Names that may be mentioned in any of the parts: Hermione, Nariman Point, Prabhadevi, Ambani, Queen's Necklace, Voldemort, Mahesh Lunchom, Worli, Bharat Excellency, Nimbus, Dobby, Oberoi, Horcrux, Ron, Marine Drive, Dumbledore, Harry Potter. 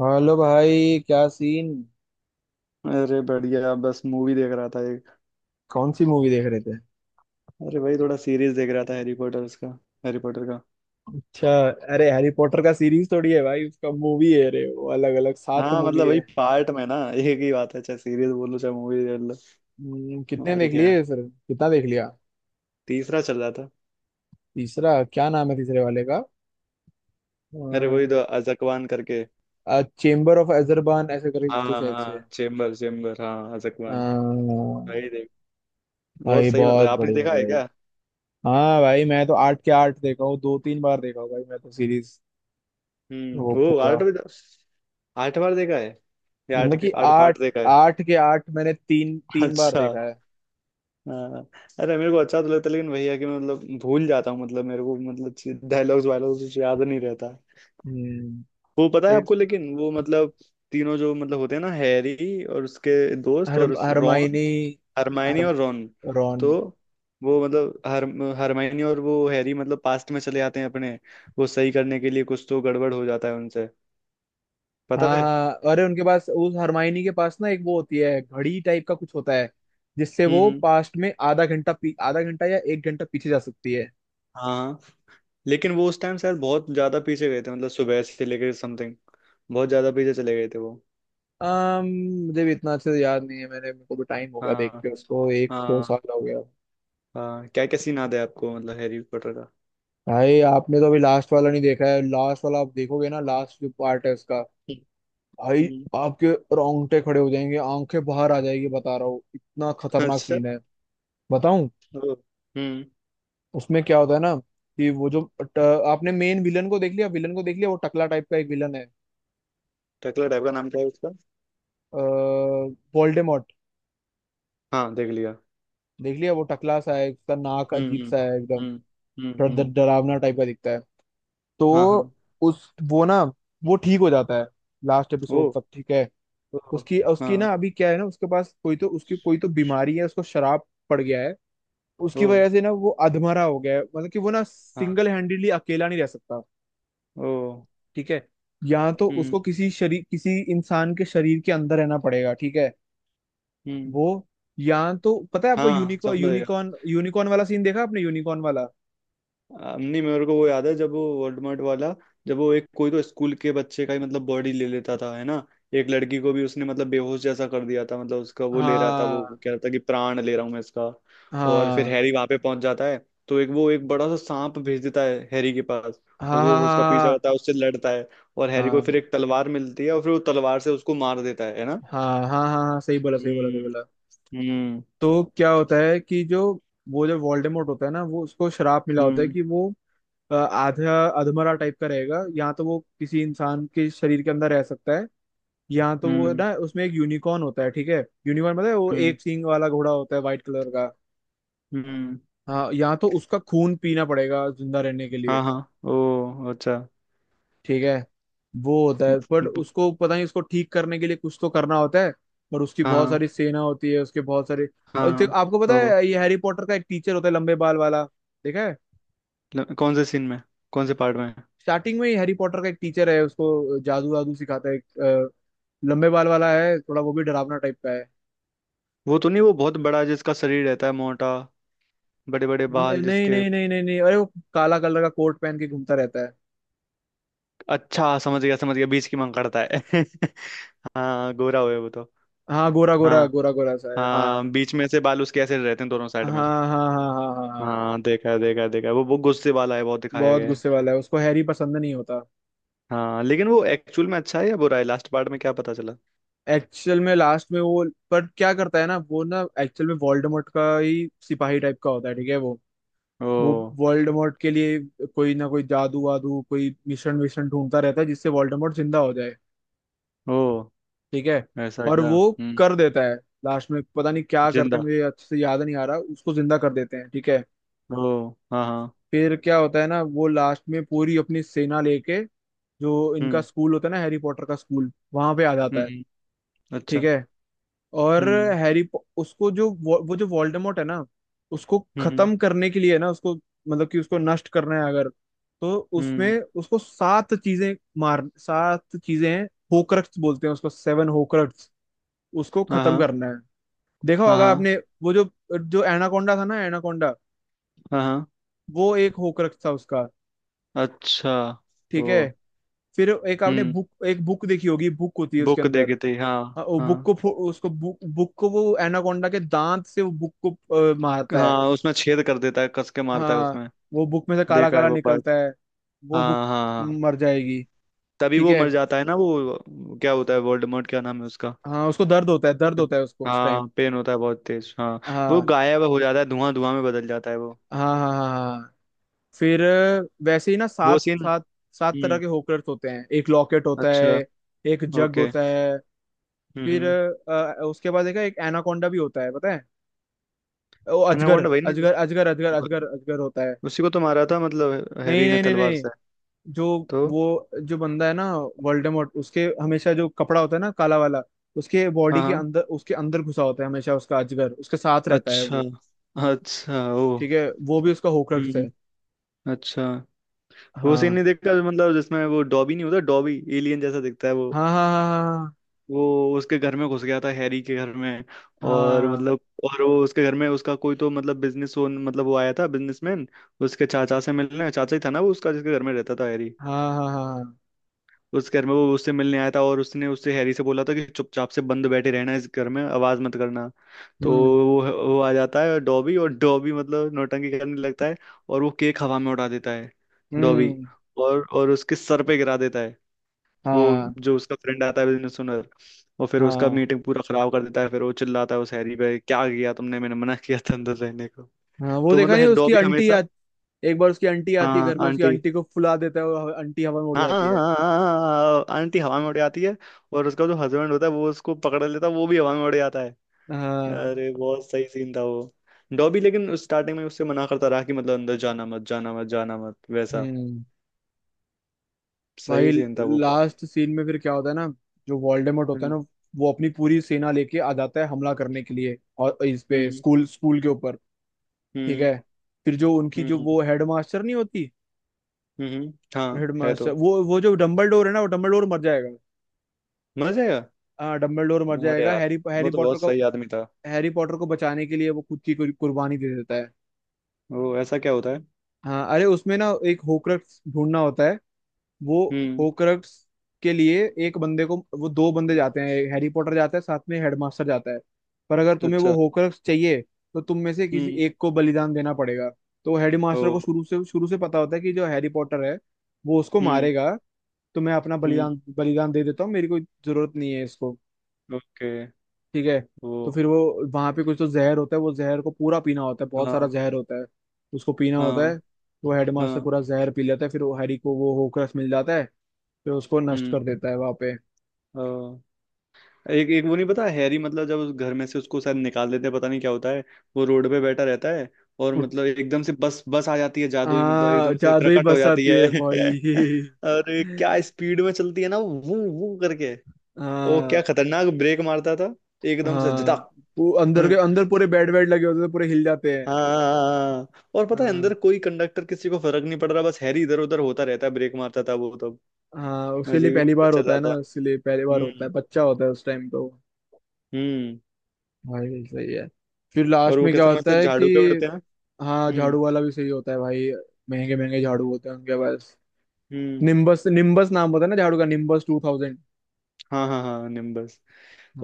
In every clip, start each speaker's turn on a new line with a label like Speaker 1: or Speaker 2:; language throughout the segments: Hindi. Speaker 1: हेलो भाई, क्या सीन।
Speaker 2: अरे बढ़िया, बस मूवी देख रहा था एक।
Speaker 1: कौन सी मूवी देख रहे थे।
Speaker 2: अरे भाई थोड़ा सीरीज देख रहा था हैरी पॉटर्स का। हैरी पॉटर का।
Speaker 1: अच्छा। अरे हैरी पॉटर का सीरीज थोड़ी है भाई, उसका मूवी है। अरे वो अलग अलग सात
Speaker 2: हाँ
Speaker 1: मूवी
Speaker 2: मतलब
Speaker 1: है।
Speaker 2: वही पार्ट में ना एक ही बात है, चाहे सीरीज बोलो चाहे मूवी देख लो।
Speaker 1: कितने
Speaker 2: और
Speaker 1: देख
Speaker 2: क्या।
Speaker 1: लिए फिर। कितना देख लिया।
Speaker 2: तीसरा चल रहा था।
Speaker 1: तीसरा क्या नाम है तीसरे वाले का।
Speaker 2: अरे वही तो अजकवान करके।
Speaker 1: चेम्बर ऑफ अजरबान ऐसे करके कुछ तो
Speaker 2: हाँ
Speaker 1: शायद से।
Speaker 2: हाँ चेम्बर, चेम्बर हाँ
Speaker 1: अ,
Speaker 2: अजकवान। भाई देख। बहुत
Speaker 1: भाई
Speaker 2: सही, मतलब
Speaker 1: बहुत
Speaker 2: आपने
Speaker 1: बढ़िया
Speaker 2: देखा है
Speaker 1: भाई।
Speaker 2: क्या।
Speaker 1: हाँ भाई, मैं तो आठ के आठ देखा हूँ, दो तीन बार देखा हूँ भाई, मैं तो सीरीज वो
Speaker 2: वो
Speaker 1: पूरा,
Speaker 2: आठ। आठ बार देखा है या आठ
Speaker 1: मतलब कि
Speaker 2: आठ
Speaker 1: आठ,
Speaker 2: पार्ट देखा है।
Speaker 1: आठ के आठ मैंने तीन तीन बार
Speaker 2: अच्छा।
Speaker 1: देखा है।
Speaker 2: हाँ। अरे मेरे को अच्छा तो लगता है, लेकिन वही है कि मैं मतलब भूल जाता हूँ। मतलब मेरे को मतलब डायलॉग्स वायलॉग्स कुछ याद नहीं रहता।
Speaker 1: हम्म।
Speaker 2: वो पता है आपको, लेकिन वो मतलब तीनों जो मतलब होते हैं ना, हैरी और उसके दोस्त
Speaker 1: हर
Speaker 2: और उस रॉन।
Speaker 1: हरमाइनी। हर
Speaker 2: हरमायनी और रॉन।
Speaker 1: रॉन।
Speaker 2: तो वो मतलब हर, हरमायनी और वो हैरी मतलब पास्ट में चले जाते हैं अपने। वो सही करने के लिए, कुछ तो गड़बड़ हो जाता है उनसे। पता है।
Speaker 1: हाँ अरे उनके पास, उस हरमाइनी के पास ना, एक वो होती है घड़ी टाइप का कुछ होता है, जिससे वो
Speaker 2: हम्म।
Speaker 1: पास्ट में आधा घंटा आधा घंटा या एक घंटा पीछे जा सकती है।
Speaker 2: हाँ हाँ। लेकिन वो उस टाइम शायद बहुत ज्यादा पीछे गए थे, मतलब सुबह से लेकर समथिंग। बहुत ज्यादा पीछे चले गए थे वो।
Speaker 1: अम मुझे भी इतना अच्छे से याद नहीं है, मैंने मेरे को भी टाइम हो गया देख
Speaker 2: हाँ।
Speaker 1: के, उसको एक दो
Speaker 2: हाँ।
Speaker 1: साल हो गया।
Speaker 2: हाँ क्या क्या सीन याद है आपको मतलब हैरी पॉटर का?
Speaker 1: भाई आपने तो अभी लास्ट वाला नहीं देखा है, लास्ट वाला आप देखोगे ना, लास्ट जो पार्ट है उसका, भाई
Speaker 2: हम्म।
Speaker 1: आपके रोंगटे खड़े हो जाएंगे, आंखें बाहर आ जाएगी, बता रहा हूँ, इतना खतरनाक
Speaker 2: अच्छा।
Speaker 1: सीन है। बताऊं?
Speaker 2: ओ। हम्म।
Speaker 1: उसमें क्या होता है ना, कि वो जो आपने मेन विलन को देख लिया, विलन को देख लिया, वो टकला टाइप का एक विलन है।
Speaker 2: टकला टाइप का नाम क्या है उसका?
Speaker 1: वोल्डेमॉर्ट।
Speaker 2: हाँ देख लिया।
Speaker 1: देख लिया, वो टकला सा है, उसका नाक अजीब
Speaker 2: हम्म।
Speaker 1: सा है एकदम।
Speaker 2: हम्म।
Speaker 1: थोड़ा
Speaker 2: हम्म।
Speaker 1: डरावना टाइप का दिखता है।
Speaker 2: हाँ हाँ।
Speaker 1: तो उस वो ना, वो ठीक हो जाता है लास्ट
Speaker 2: ओ।
Speaker 1: एपिसोड तक, ठीक है।
Speaker 2: ओ।
Speaker 1: उसकी उसकी
Speaker 2: हाँ।
Speaker 1: ना, अभी क्या है ना, उसके पास कोई तो, उसकी कोई तो बीमारी है, उसको शराब पड़ गया है। उसकी
Speaker 2: ओ।
Speaker 1: वजह से ना वो अधमरा हो गया है, मतलब कि वो ना सिंगल
Speaker 2: हाँ।
Speaker 1: हैंडेडली अकेला नहीं रह सकता,
Speaker 2: ओ।
Speaker 1: ठीक है। या तो
Speaker 2: हम्म।
Speaker 1: उसको किसी शरीर, किसी इंसान के शरीर के अंदर रहना पड़ेगा, ठीक है।
Speaker 2: हम्म।
Speaker 1: वो, या तो पता है आपको,
Speaker 2: हाँ
Speaker 1: यूनिको
Speaker 2: समझ गया।
Speaker 1: यूनिकॉर्न, यूनिकॉर्न वाला सीन देखा आपने, यूनिकॉर्न वाला।
Speaker 2: नहीं, मेरे को वो याद है जब वो वर्डमार्ट वाला, जब वो एक कोई तो स्कूल के बच्चे का ही मतलब बॉडी ले लेता था, है ना। एक लड़की को भी उसने मतलब बेहोश जैसा कर दिया था, मतलब उसका वो ले रहा था, वो
Speaker 1: हाँ
Speaker 2: कह रहा था कि प्राण ले रहा हूं मैं इसका। और फिर
Speaker 1: हाँ
Speaker 2: हैरी वहां पे पहुंच जाता है। तो एक वो एक बड़ा सा सांप भेज देता है हैरी के पास।
Speaker 1: हाँ
Speaker 2: बस वो
Speaker 1: हाँ
Speaker 2: उसका पीछा
Speaker 1: हाँ
Speaker 2: करता है, उससे लड़ता है। और हैरी को फिर
Speaker 1: हाँ
Speaker 2: एक तलवार मिलती है, और फिर वो तलवार से उसको मार देता है ना।
Speaker 1: हाँ हाँ हाँ हाँ, सही बोला, सही बोला,
Speaker 2: हम्म।
Speaker 1: सही बोला।
Speaker 2: हम्म।
Speaker 1: तो क्या होता है कि जो वो जो वोल्डेमॉर्ट होता है ना, वो उसको श्राप मिला होता है
Speaker 2: हम्म
Speaker 1: कि वो आधा अधमरा टाइप का रहेगा, या तो वो किसी इंसान के शरीर के अंदर रह सकता है। यहाँ तो वो है
Speaker 2: हम्म।
Speaker 1: ना, उसमें एक यूनिकॉर्न होता है, ठीक है। यूनिकॉर्न, पता है, वो
Speaker 2: हम्म
Speaker 1: एक सींग वाला घोड़ा होता है, व्हाइट कलर का।
Speaker 2: हम्म।
Speaker 1: हाँ, यहाँ तो उसका खून पीना पड़ेगा जिंदा रहने के लिए,
Speaker 2: हाँ हाँ, ओ अच्छा।
Speaker 1: ठीक है। वो होता है, बट
Speaker 2: ब-।
Speaker 1: उसको पता नहीं, उसको ठीक करने के लिए कुछ तो करना होता है। और उसकी
Speaker 2: हाँ
Speaker 1: बहुत
Speaker 2: हाँ
Speaker 1: सारी सेना होती है, उसके बहुत सारे। और फिर
Speaker 2: हाँ।
Speaker 1: आपको पता
Speaker 2: ओ।
Speaker 1: है, ये हैरी पॉटर का एक टीचर होता है, लंबे बाल वाला। देखा है।
Speaker 2: ल-, कौन से सीन में, कौन से पार्ट में है?
Speaker 1: स्टार्टिंग में ही हैरी पॉटर का एक टीचर है, उसको जादू वादू सिखाता है एक, लंबे बाल वाला है, थोड़ा वो भी डरावना टाइप का है।
Speaker 2: वो तो नहीं, वो बहुत बड़ा जिसका शरीर रहता है मोटा, बड़े बड़े
Speaker 1: नहीं
Speaker 2: बाल
Speaker 1: नहीं
Speaker 2: जिसके।
Speaker 1: नहीं नहीं नहीं नहीं, अरे वो काला कलर का कोट पहन के घूमता रहता है।
Speaker 2: अच्छा समझ गया, समझ गया, बीच की मांग करता है हाँ गोरा हुए वो तो।
Speaker 1: हाँ, गोरा गोरा
Speaker 2: हाँ।
Speaker 1: गोरा गोरा सा है, हाँ।
Speaker 2: हाँ बीच में से बाल उसके ऐसे रहते हैं दोनों
Speaker 1: हाँ
Speaker 2: साइड में।
Speaker 1: हाँ हाँ हाँ हाँ हाँ हाँ
Speaker 2: हाँ देखा है, देखा है, देखा है, वो गुस्से वाला है बहुत दिखाया
Speaker 1: बहुत
Speaker 2: गया है।
Speaker 1: गुस्से वाला है, उसको हैरी पसंद नहीं होता।
Speaker 2: हाँ लेकिन वो एक्चुअल में अच्छा है या बुरा है, लास्ट पार्ट में क्या पता चला?
Speaker 1: एक्चुअल में लास्ट में वो, पर क्या करता है ना, वो ना एक्चुअल में वोल्डेमॉर्ट का ही सिपाही टाइप का होता है, ठीक है। वो
Speaker 2: ओ।
Speaker 1: वो वोल्डेमॉर्ट के लिए कोई ना कोई जादू वादू, कोई मिशन विशन ढूंढता रहता है, जिससे वोल्डेमॉर्ट जिंदा हो जाए,
Speaker 2: ओ।
Speaker 1: ठीक है।
Speaker 2: ऐसा
Speaker 1: और
Speaker 2: क्या?
Speaker 1: वो
Speaker 2: हम्म।
Speaker 1: कर देता है। लास्ट में पता नहीं क्या करते
Speaker 2: जिंदा।
Speaker 1: हैं, मुझे अच्छे से याद नहीं आ रहा, उसको जिंदा कर देते हैं, ठीक है।
Speaker 2: ओ हाँ हाँ।
Speaker 1: फिर क्या होता है ना, वो लास्ट में पूरी अपनी सेना लेके, जो इनका
Speaker 2: हम्म।
Speaker 1: स्कूल होता है ना, हैरी पॉटर का स्कूल, वहां पे आ जाता
Speaker 2: हम्म।
Speaker 1: है, ठीक
Speaker 2: अच्छा।
Speaker 1: है। और
Speaker 2: हम्म।
Speaker 1: हैरी, उसको जो वो जो वोल्डेमॉर्ट है ना, उसको
Speaker 2: हम्म। हम्म।
Speaker 1: खत्म करने के लिए ना, उसको मतलब कि उसको नष्ट करना है अगर, तो
Speaker 2: हम्म।
Speaker 1: उसमें उसको सात चीजें, मार सात चीजें हैं। होक्रक्स बोलते हैं उसको, सेवन होक्रक्स, उसको
Speaker 2: हाँ
Speaker 1: खत्म
Speaker 2: हाँ
Speaker 1: करना है। देखा होगा
Speaker 2: हाँ
Speaker 1: आपने। वो जो जो एनाकोंडा था ना, एनाकोंडा,
Speaker 2: हाँ हाँ हाँ,
Speaker 1: वो एक होक्रक्स था उसका,
Speaker 2: अच्छा।
Speaker 1: ठीक
Speaker 2: वो।
Speaker 1: है। फिर एक आपने
Speaker 2: हम्म।
Speaker 1: बुक, एक बुक देखी होगी, बुक होती है उसके
Speaker 2: बुक
Speaker 1: अंदर।
Speaker 2: देखी थी हाँ।
Speaker 1: हाँ, वो
Speaker 2: हाँ।
Speaker 1: बुक को उसको बुक बुक को वो एनाकोंडा के दांत से वो बुक को मारता है।
Speaker 2: हाँ उसमें छेद कर देता है, कस के मारता है
Speaker 1: हाँ,
Speaker 2: उसमें।
Speaker 1: वो बुक में से काला
Speaker 2: देखा है
Speaker 1: काला
Speaker 2: वो पार्ट।
Speaker 1: निकलता है, वो
Speaker 2: हाँ
Speaker 1: बुक
Speaker 2: हाँ हाँ।
Speaker 1: मर जाएगी,
Speaker 2: तभी
Speaker 1: ठीक
Speaker 2: वो
Speaker 1: है।
Speaker 2: मर जाता है ना, वो क्या होता है, वोल्डेमॉर्ट क्या नाम है उसका।
Speaker 1: हाँ, उसको दर्द होता है, दर्द होता है उसको उस टाइम।
Speaker 2: हाँ पेन होता है बहुत तेज, हाँ। वो
Speaker 1: हाँ
Speaker 2: गायब हो जाता है, धुआं धुआं में बदल जाता है वो।
Speaker 1: हाँ हाँ हाँ हाँ। फिर वैसे ही ना,
Speaker 2: वो
Speaker 1: सात
Speaker 2: सीन।
Speaker 1: सात सात तरह
Speaker 2: हम्म।
Speaker 1: के होकर्स होते हैं, एक लॉकेट होता
Speaker 2: अच्छा।
Speaker 1: है, एक जग
Speaker 2: ओके।
Speaker 1: होता है। फिर
Speaker 2: हम्म।
Speaker 1: उसके बाद देखा, एक एनाकोंडा भी होता है, पता है, वो अजगर
Speaker 2: एनाकोंडा वही ना
Speaker 1: अजगर
Speaker 2: जिस-,
Speaker 1: अजगर अजगर अजगर अजगर होता है।
Speaker 2: उसी को तो मारा था मतलब
Speaker 1: नहीं
Speaker 2: हैरी ने
Speaker 1: नहीं नहीं
Speaker 2: तलवार से।
Speaker 1: नहीं, जो
Speaker 2: तो।
Speaker 1: जो बंदा है ना, वोल्डेमॉर्ट, उसके हमेशा जो कपड़ा होता है ना, काला वाला, उसके
Speaker 2: हाँ
Speaker 1: बॉडी के
Speaker 2: हाँ।
Speaker 1: अंदर, उसके अंदर घुसा होता है हमेशा, उसका अजगर उसके साथ रहता है
Speaker 2: अच्छा।
Speaker 1: वो,
Speaker 2: अच्छा ओ।
Speaker 1: ठीक है, वो भी उसका होक्रक्स है।
Speaker 2: हम्म। अच्छा। वो सीन
Speaker 1: हाँ
Speaker 2: नहीं देखा, मतलब जिसमें वो डॉबी नहीं होता, डॉबी एलियन जैसा दिखता है वो।
Speaker 1: हाँ हाँ
Speaker 2: वो उसके घर में घुस गया था, हैरी के घर में। और
Speaker 1: हाँ
Speaker 2: मतलब, और वो उसके घर में उसका कोई तो मतलब बिजनेस ओन, मतलब वो आया था बिजनेसमैन, उसके चाचा से मिलने, चाचा ही था ना वो उसका जिसके घर में रहता था हैरी।
Speaker 1: हाँ हाँ हाँ हाँ हाँ, हाँ।
Speaker 2: उस घर में वो उससे मिलने आया था, और उसने उससे हैरी से बोला था कि चुपचाप से बंद बैठे रहना इस घर में, आवाज मत करना। तो
Speaker 1: हम्म
Speaker 2: वो वो आ जाता है डॉबी, और डॉबी मतलब नौटंकी करने लगता है। और वो केक हवा में उड़ा देता है डॉबी,
Speaker 1: हम्म।
Speaker 2: और उसके सर पे गिरा देता है। वो
Speaker 1: हाँ
Speaker 2: जो उसका फ्रेंड आता है बिजनेस ओनर, और फिर उसका
Speaker 1: हाँ
Speaker 2: मीटिंग पूरा खराब कर देता है। फिर वो चिल्लाता है उस हैरी पे क्या किया तुमने, मैंने मना किया था अंदर रहने को।
Speaker 1: हाँ, वो
Speaker 2: तो
Speaker 1: देखा
Speaker 2: मतलब
Speaker 1: नहीं,
Speaker 2: है
Speaker 1: उसकी
Speaker 2: डॉबी
Speaker 1: आंटी
Speaker 2: हमेशा।
Speaker 1: एक बार उसकी आंटी आती है
Speaker 2: हाँ
Speaker 1: घर पे, उसकी
Speaker 2: आंटी।
Speaker 1: आंटी को फुला देता है, और आंटी हवा में उड़
Speaker 2: हाँ हाँ,
Speaker 1: जाती
Speaker 2: हाँ,
Speaker 1: है।
Speaker 2: हाँ, हाँ, हाँ, हाँ, हाँ, हाँ, आंटी हवा में उड़ जाती है। और उसका जो हस्बैंड होता है वो उसको पकड़ लेता है, वो भी हवा में उड़ जाता है।
Speaker 1: हाँ।
Speaker 2: अरे बहुत सही सीन था वो। डॉबी लेकिन स्टार्टिंग में उससे मना करता रहा कि मतलब अंदर जाना मत, जाना मत, जाना मत, वैसा।
Speaker 1: हम्म। भाई
Speaker 2: सही सीन था वो बहुत।
Speaker 1: लास्ट सीन में फिर क्या होता है ना, जो वोल्डेमॉर्ट होता है
Speaker 2: हम्म
Speaker 1: ना, वो अपनी पूरी सेना लेके आ जाता है हमला करने के लिए, और इस पे,
Speaker 2: हम्म।
Speaker 1: स्कूल, स्कूल के ऊपर, ठीक
Speaker 2: हम्म
Speaker 1: है। फिर जो उनकी, जो
Speaker 2: हम्म।
Speaker 1: वो हेडमास्टर नहीं होती,
Speaker 2: हाँ है तो।
Speaker 1: हेडमास्टर, वो जो डम्बलडोर है ना, वो डम्बलडोर मर जाएगा।
Speaker 2: मजा आएगा।
Speaker 1: हाँ, डम्बलडोर मर
Speaker 2: अरे
Speaker 1: जाएगा,
Speaker 2: यार,
Speaker 1: हैरी, हैरी
Speaker 2: वो तो
Speaker 1: पॉटर
Speaker 2: बहुत
Speaker 1: को,
Speaker 2: सही आदमी था।
Speaker 1: हैरी पॉटर को बचाने के लिए वो खुद की कुर्बानी दे देता है।
Speaker 2: वो ऐसा क्या होता है?
Speaker 1: हाँ, अरे उसमें ना एक होक्रक्स ढूंढना होता है, वो
Speaker 2: हम्म।
Speaker 1: होक्रक्स के लिए एक बंदे को, वो दो बंदे
Speaker 2: हम्म,
Speaker 1: जाते हैं, हैरी पॉटर जाता है, साथ में हेडमास्टर जाता है। पर अगर तुम्हें वो
Speaker 2: अच्छा।
Speaker 1: होक्रक्स चाहिए, तो तुम में से किसी
Speaker 2: हम्म।
Speaker 1: एक को बलिदान देना पड़ेगा। तो
Speaker 2: ओ।
Speaker 1: हेडमास्टर को शुरू से, शुरू से पता होता है कि जो हैरी पॉटर है, वो उसको
Speaker 2: हम्म।
Speaker 1: मारेगा, तो मैं अपना
Speaker 2: हम्म।
Speaker 1: बलिदान, दे देता हूँ, मेरी कोई जरूरत नहीं है इसको,
Speaker 2: ओके।
Speaker 1: ठीक है।
Speaker 2: वो।
Speaker 1: तो फिर वो वहां पे कुछ तो जहर होता है, वो जहर को पूरा पीना होता है, बहुत सारा
Speaker 2: हाँ
Speaker 1: जहर होता है, उसको पीना होता है।
Speaker 2: हाँ
Speaker 1: वो हेडमास्टर
Speaker 2: हाँ।
Speaker 1: पूरा जहर पी लेता है, फिर वो हैरी को वो होक्रक्स मिल जाता है, जो उसको नष्ट
Speaker 2: हम्म।
Speaker 1: कर देता है वहां पे।
Speaker 2: अ, एक, एक वो नहीं पता, हैरी मतलब जब उस घर में से उसको शायद निकाल देते हैं, पता नहीं क्या होता है। वो रोड पे बैठा रहता है। और मतलब एकदम से बस बस आ जाती है जादुई, मतलब
Speaker 1: हाँ,
Speaker 2: एकदम से
Speaker 1: जादू ही
Speaker 2: प्रकट हो
Speaker 1: बस
Speaker 2: जाती
Speaker 1: आती
Speaker 2: है
Speaker 1: है भाई।
Speaker 2: और ये क्या स्पीड में चलती है ना, वो करके। ओ क्या
Speaker 1: हाँ
Speaker 2: खतरनाक ब्रेक मारता था, एकदम से
Speaker 1: हाँ,
Speaker 2: झटक
Speaker 1: अंदर के अंदर पूरे बेड वेड लगे होते हैं, पूरे हिल जाते हैं।
Speaker 2: हाँ। और पता है
Speaker 1: हाँ
Speaker 2: अंदर कोई कंडक्टर किसी को फर्क नहीं पड़ रहा, बस हैरी इधर उधर होता रहता है, ब्रेक मारता था वो तब।
Speaker 1: हाँ, उसके लिए
Speaker 2: अजीब ही
Speaker 1: पहली
Speaker 2: मतलब
Speaker 1: बार
Speaker 2: चल
Speaker 1: होता
Speaker 2: रहा
Speaker 1: है ना,
Speaker 2: था।
Speaker 1: उसके लिए पहली बार होता
Speaker 2: हम्म।
Speaker 1: है, बच्चा होता है उस टाइम तो।
Speaker 2: हम्म।
Speaker 1: भाई सही है। फिर
Speaker 2: और
Speaker 1: लास्ट
Speaker 2: वो
Speaker 1: में क्या
Speaker 2: कैसे
Speaker 1: होता
Speaker 2: मस्त
Speaker 1: है कि,
Speaker 2: झाड़ू पे उड़ते हैं।
Speaker 1: हाँ,
Speaker 2: हम्म।
Speaker 1: झाड़ू वाला भी सही होता है भाई, महंगे महंगे झाड़ू होते हैं उनके पास।
Speaker 2: हम्म।
Speaker 1: निम्बस, निम्बस नाम होता है ना झाड़ू का, निम्बस 2000।
Speaker 2: हाँ हाँ हाँ निम्बस।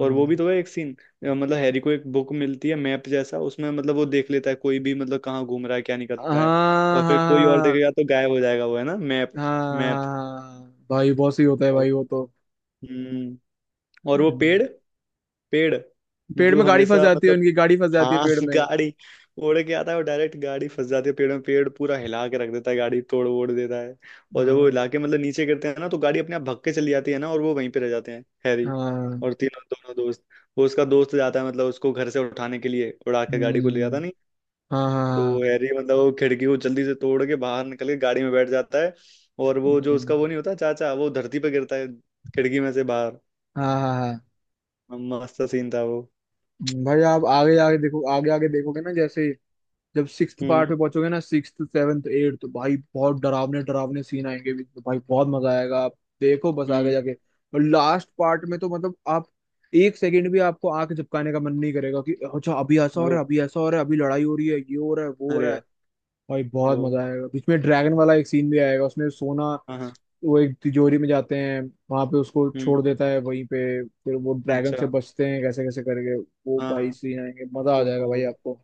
Speaker 2: और वो भी तो है एक सीन, मतलब हैरी को एक बुक मिलती है, मैप जैसा, उसमें मतलब वो देख लेता है कोई भी मतलब कहाँ घूम रहा है, क्या निकल रहा है।
Speaker 1: हाँ
Speaker 2: और फिर
Speaker 1: हाँ
Speaker 2: कोई और
Speaker 1: हाँ
Speaker 2: देखेगा तो गायब हो जाएगा वो, है ना मैप।
Speaker 1: हाँ
Speaker 2: मैप।
Speaker 1: हाँ हाँ, भाई बहुत सही होता है
Speaker 2: और।
Speaker 1: भाई वो तो।
Speaker 2: हम्म। और वो
Speaker 1: हम्म,
Speaker 2: पेड़, पेड़
Speaker 1: पेड़
Speaker 2: जो
Speaker 1: में गाड़ी फंस
Speaker 2: हमेशा
Speaker 1: जाती है,
Speaker 2: मतलब,
Speaker 1: उनकी गाड़ी फंस जाती है
Speaker 2: हाँ
Speaker 1: पेड़ में।
Speaker 2: गाड़ी। उड़ के आता है वो डायरेक्ट, गाड़ी फंस जाती है पेड़ में, पेड़ पूरा हिला के रख देता है, गाड़ी तोड़ वोड़ देता है। और जब वो
Speaker 1: हाँ
Speaker 2: हिला के मतलब नीचे गिरते हैं ना, तो गाड़ी अपने आप भग के चली जाती है ना, और वो वहीं पे रह जाते हैं हैरी
Speaker 1: हाँ।
Speaker 2: और तीनों, दोनों दोस्त। वो उसका दोस्त जाता है मतलब उसको घर से उठाने के लिए, उड़ा के गाड़ी को ले जाता
Speaker 1: हम्म।
Speaker 2: नहीं।
Speaker 1: हाँ हाँ
Speaker 2: तो
Speaker 1: हाँ।
Speaker 2: हैरी मतलब वो खिड़की को जल्दी से तोड़ के बाहर निकल के गाड़ी में बैठ जाता है। और वो जो
Speaker 1: हम्म,
Speaker 2: उसका वो नहीं होता चाचा, वो धरती पे गिरता है खिड़की में से बाहर।
Speaker 1: हाँ हाँ हाँ,
Speaker 2: मस्त सीन था वो।
Speaker 1: भाई आप आगे आगे देखो, आगे आगे देखोगे ना, जैसे जब सिक्स्थ पार्ट
Speaker 2: हम्म।
Speaker 1: में पहुंचोगे ना, सिक्स्थ सेवन्थ एट, तो भाई बहुत डरावने डरावने सीन आएंगे बीच में भाई, बहुत मजा आएगा, आप देखो बस आगे
Speaker 2: हम्म।
Speaker 1: जाके। और लास्ट पार्ट में तो मतलब आप, एक सेकंड भी आपको आंख झपकाने का मन नहीं करेगा, कि अच्छा अभी ऐसा हो
Speaker 2: ओ।
Speaker 1: रहा है, अभी ऐसा हो रहा है, अभी लड़ाई हो रही है, ये हो रहा है, वो हो
Speaker 2: अरे
Speaker 1: रहा है।
Speaker 2: यार।
Speaker 1: भाई बहुत
Speaker 2: ओ
Speaker 1: मजा आएगा, बीच में ड्रैगन वाला एक सीन भी आएगा, उसमें सोना,
Speaker 2: हाँ हाँ।
Speaker 1: वो एक तिजोरी में जाते हैं, वहां पे उसको छोड़
Speaker 2: हम्म।
Speaker 1: देता है वहीं पे, फिर वो ड्रैगन से
Speaker 2: अच्छा।
Speaker 1: बचते हैं कैसे कैसे करके। वो भाई,
Speaker 2: हाँ।
Speaker 1: सीन आएंगे, मजा आ जाएगा भाई
Speaker 2: तो
Speaker 1: आपको।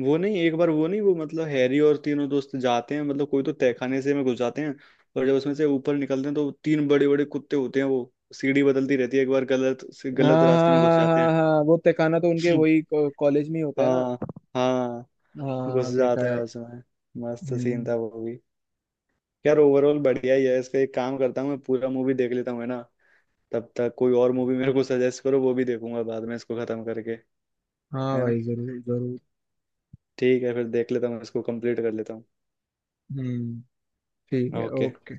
Speaker 2: वो नहीं, एक बार वो नहीं, वो मतलब हैरी और तीनों दोस्त जाते हैं मतलब कोई तो तहखाने से में घुस जाते हैं। और जब उसमें से ऊपर निकलते हैं तो तीन बड़े बड़े कुत्ते होते हैं, वो सीढ़ी बदलती रहती है, एक बार गलत से गलत
Speaker 1: हाँ
Speaker 2: रास्ते
Speaker 1: हाँ
Speaker 2: में घुस जाते
Speaker 1: हाँ हाँ हाँ, वो तहखाना तो उनके
Speaker 2: हैं
Speaker 1: वही कॉलेज में ही होता है ना।
Speaker 2: हाँ। हाँ घुस
Speaker 1: हाँ, देखा
Speaker 2: जाते हैं
Speaker 1: है।
Speaker 2: उसमें। मस्त सीन था
Speaker 1: हम्म।
Speaker 2: वो भी। यार ओवरऑल बढ़िया ही है इसका, एक काम करता हूँ मैं, पूरा मूवी देख लेता हूँ, है ना। तब तक कोई और मूवी मेरे को सजेस्ट करो, वो भी देखूंगा बाद में इसको खत्म करके,
Speaker 1: हाँ
Speaker 2: है ना।
Speaker 1: भाई, जरूर जरूर।
Speaker 2: ठीक है, फिर देख लेता हूँ इसको, कंप्लीट कर लेता हूँ।
Speaker 1: हम्म ठीक है,
Speaker 2: ओके।
Speaker 1: ओके।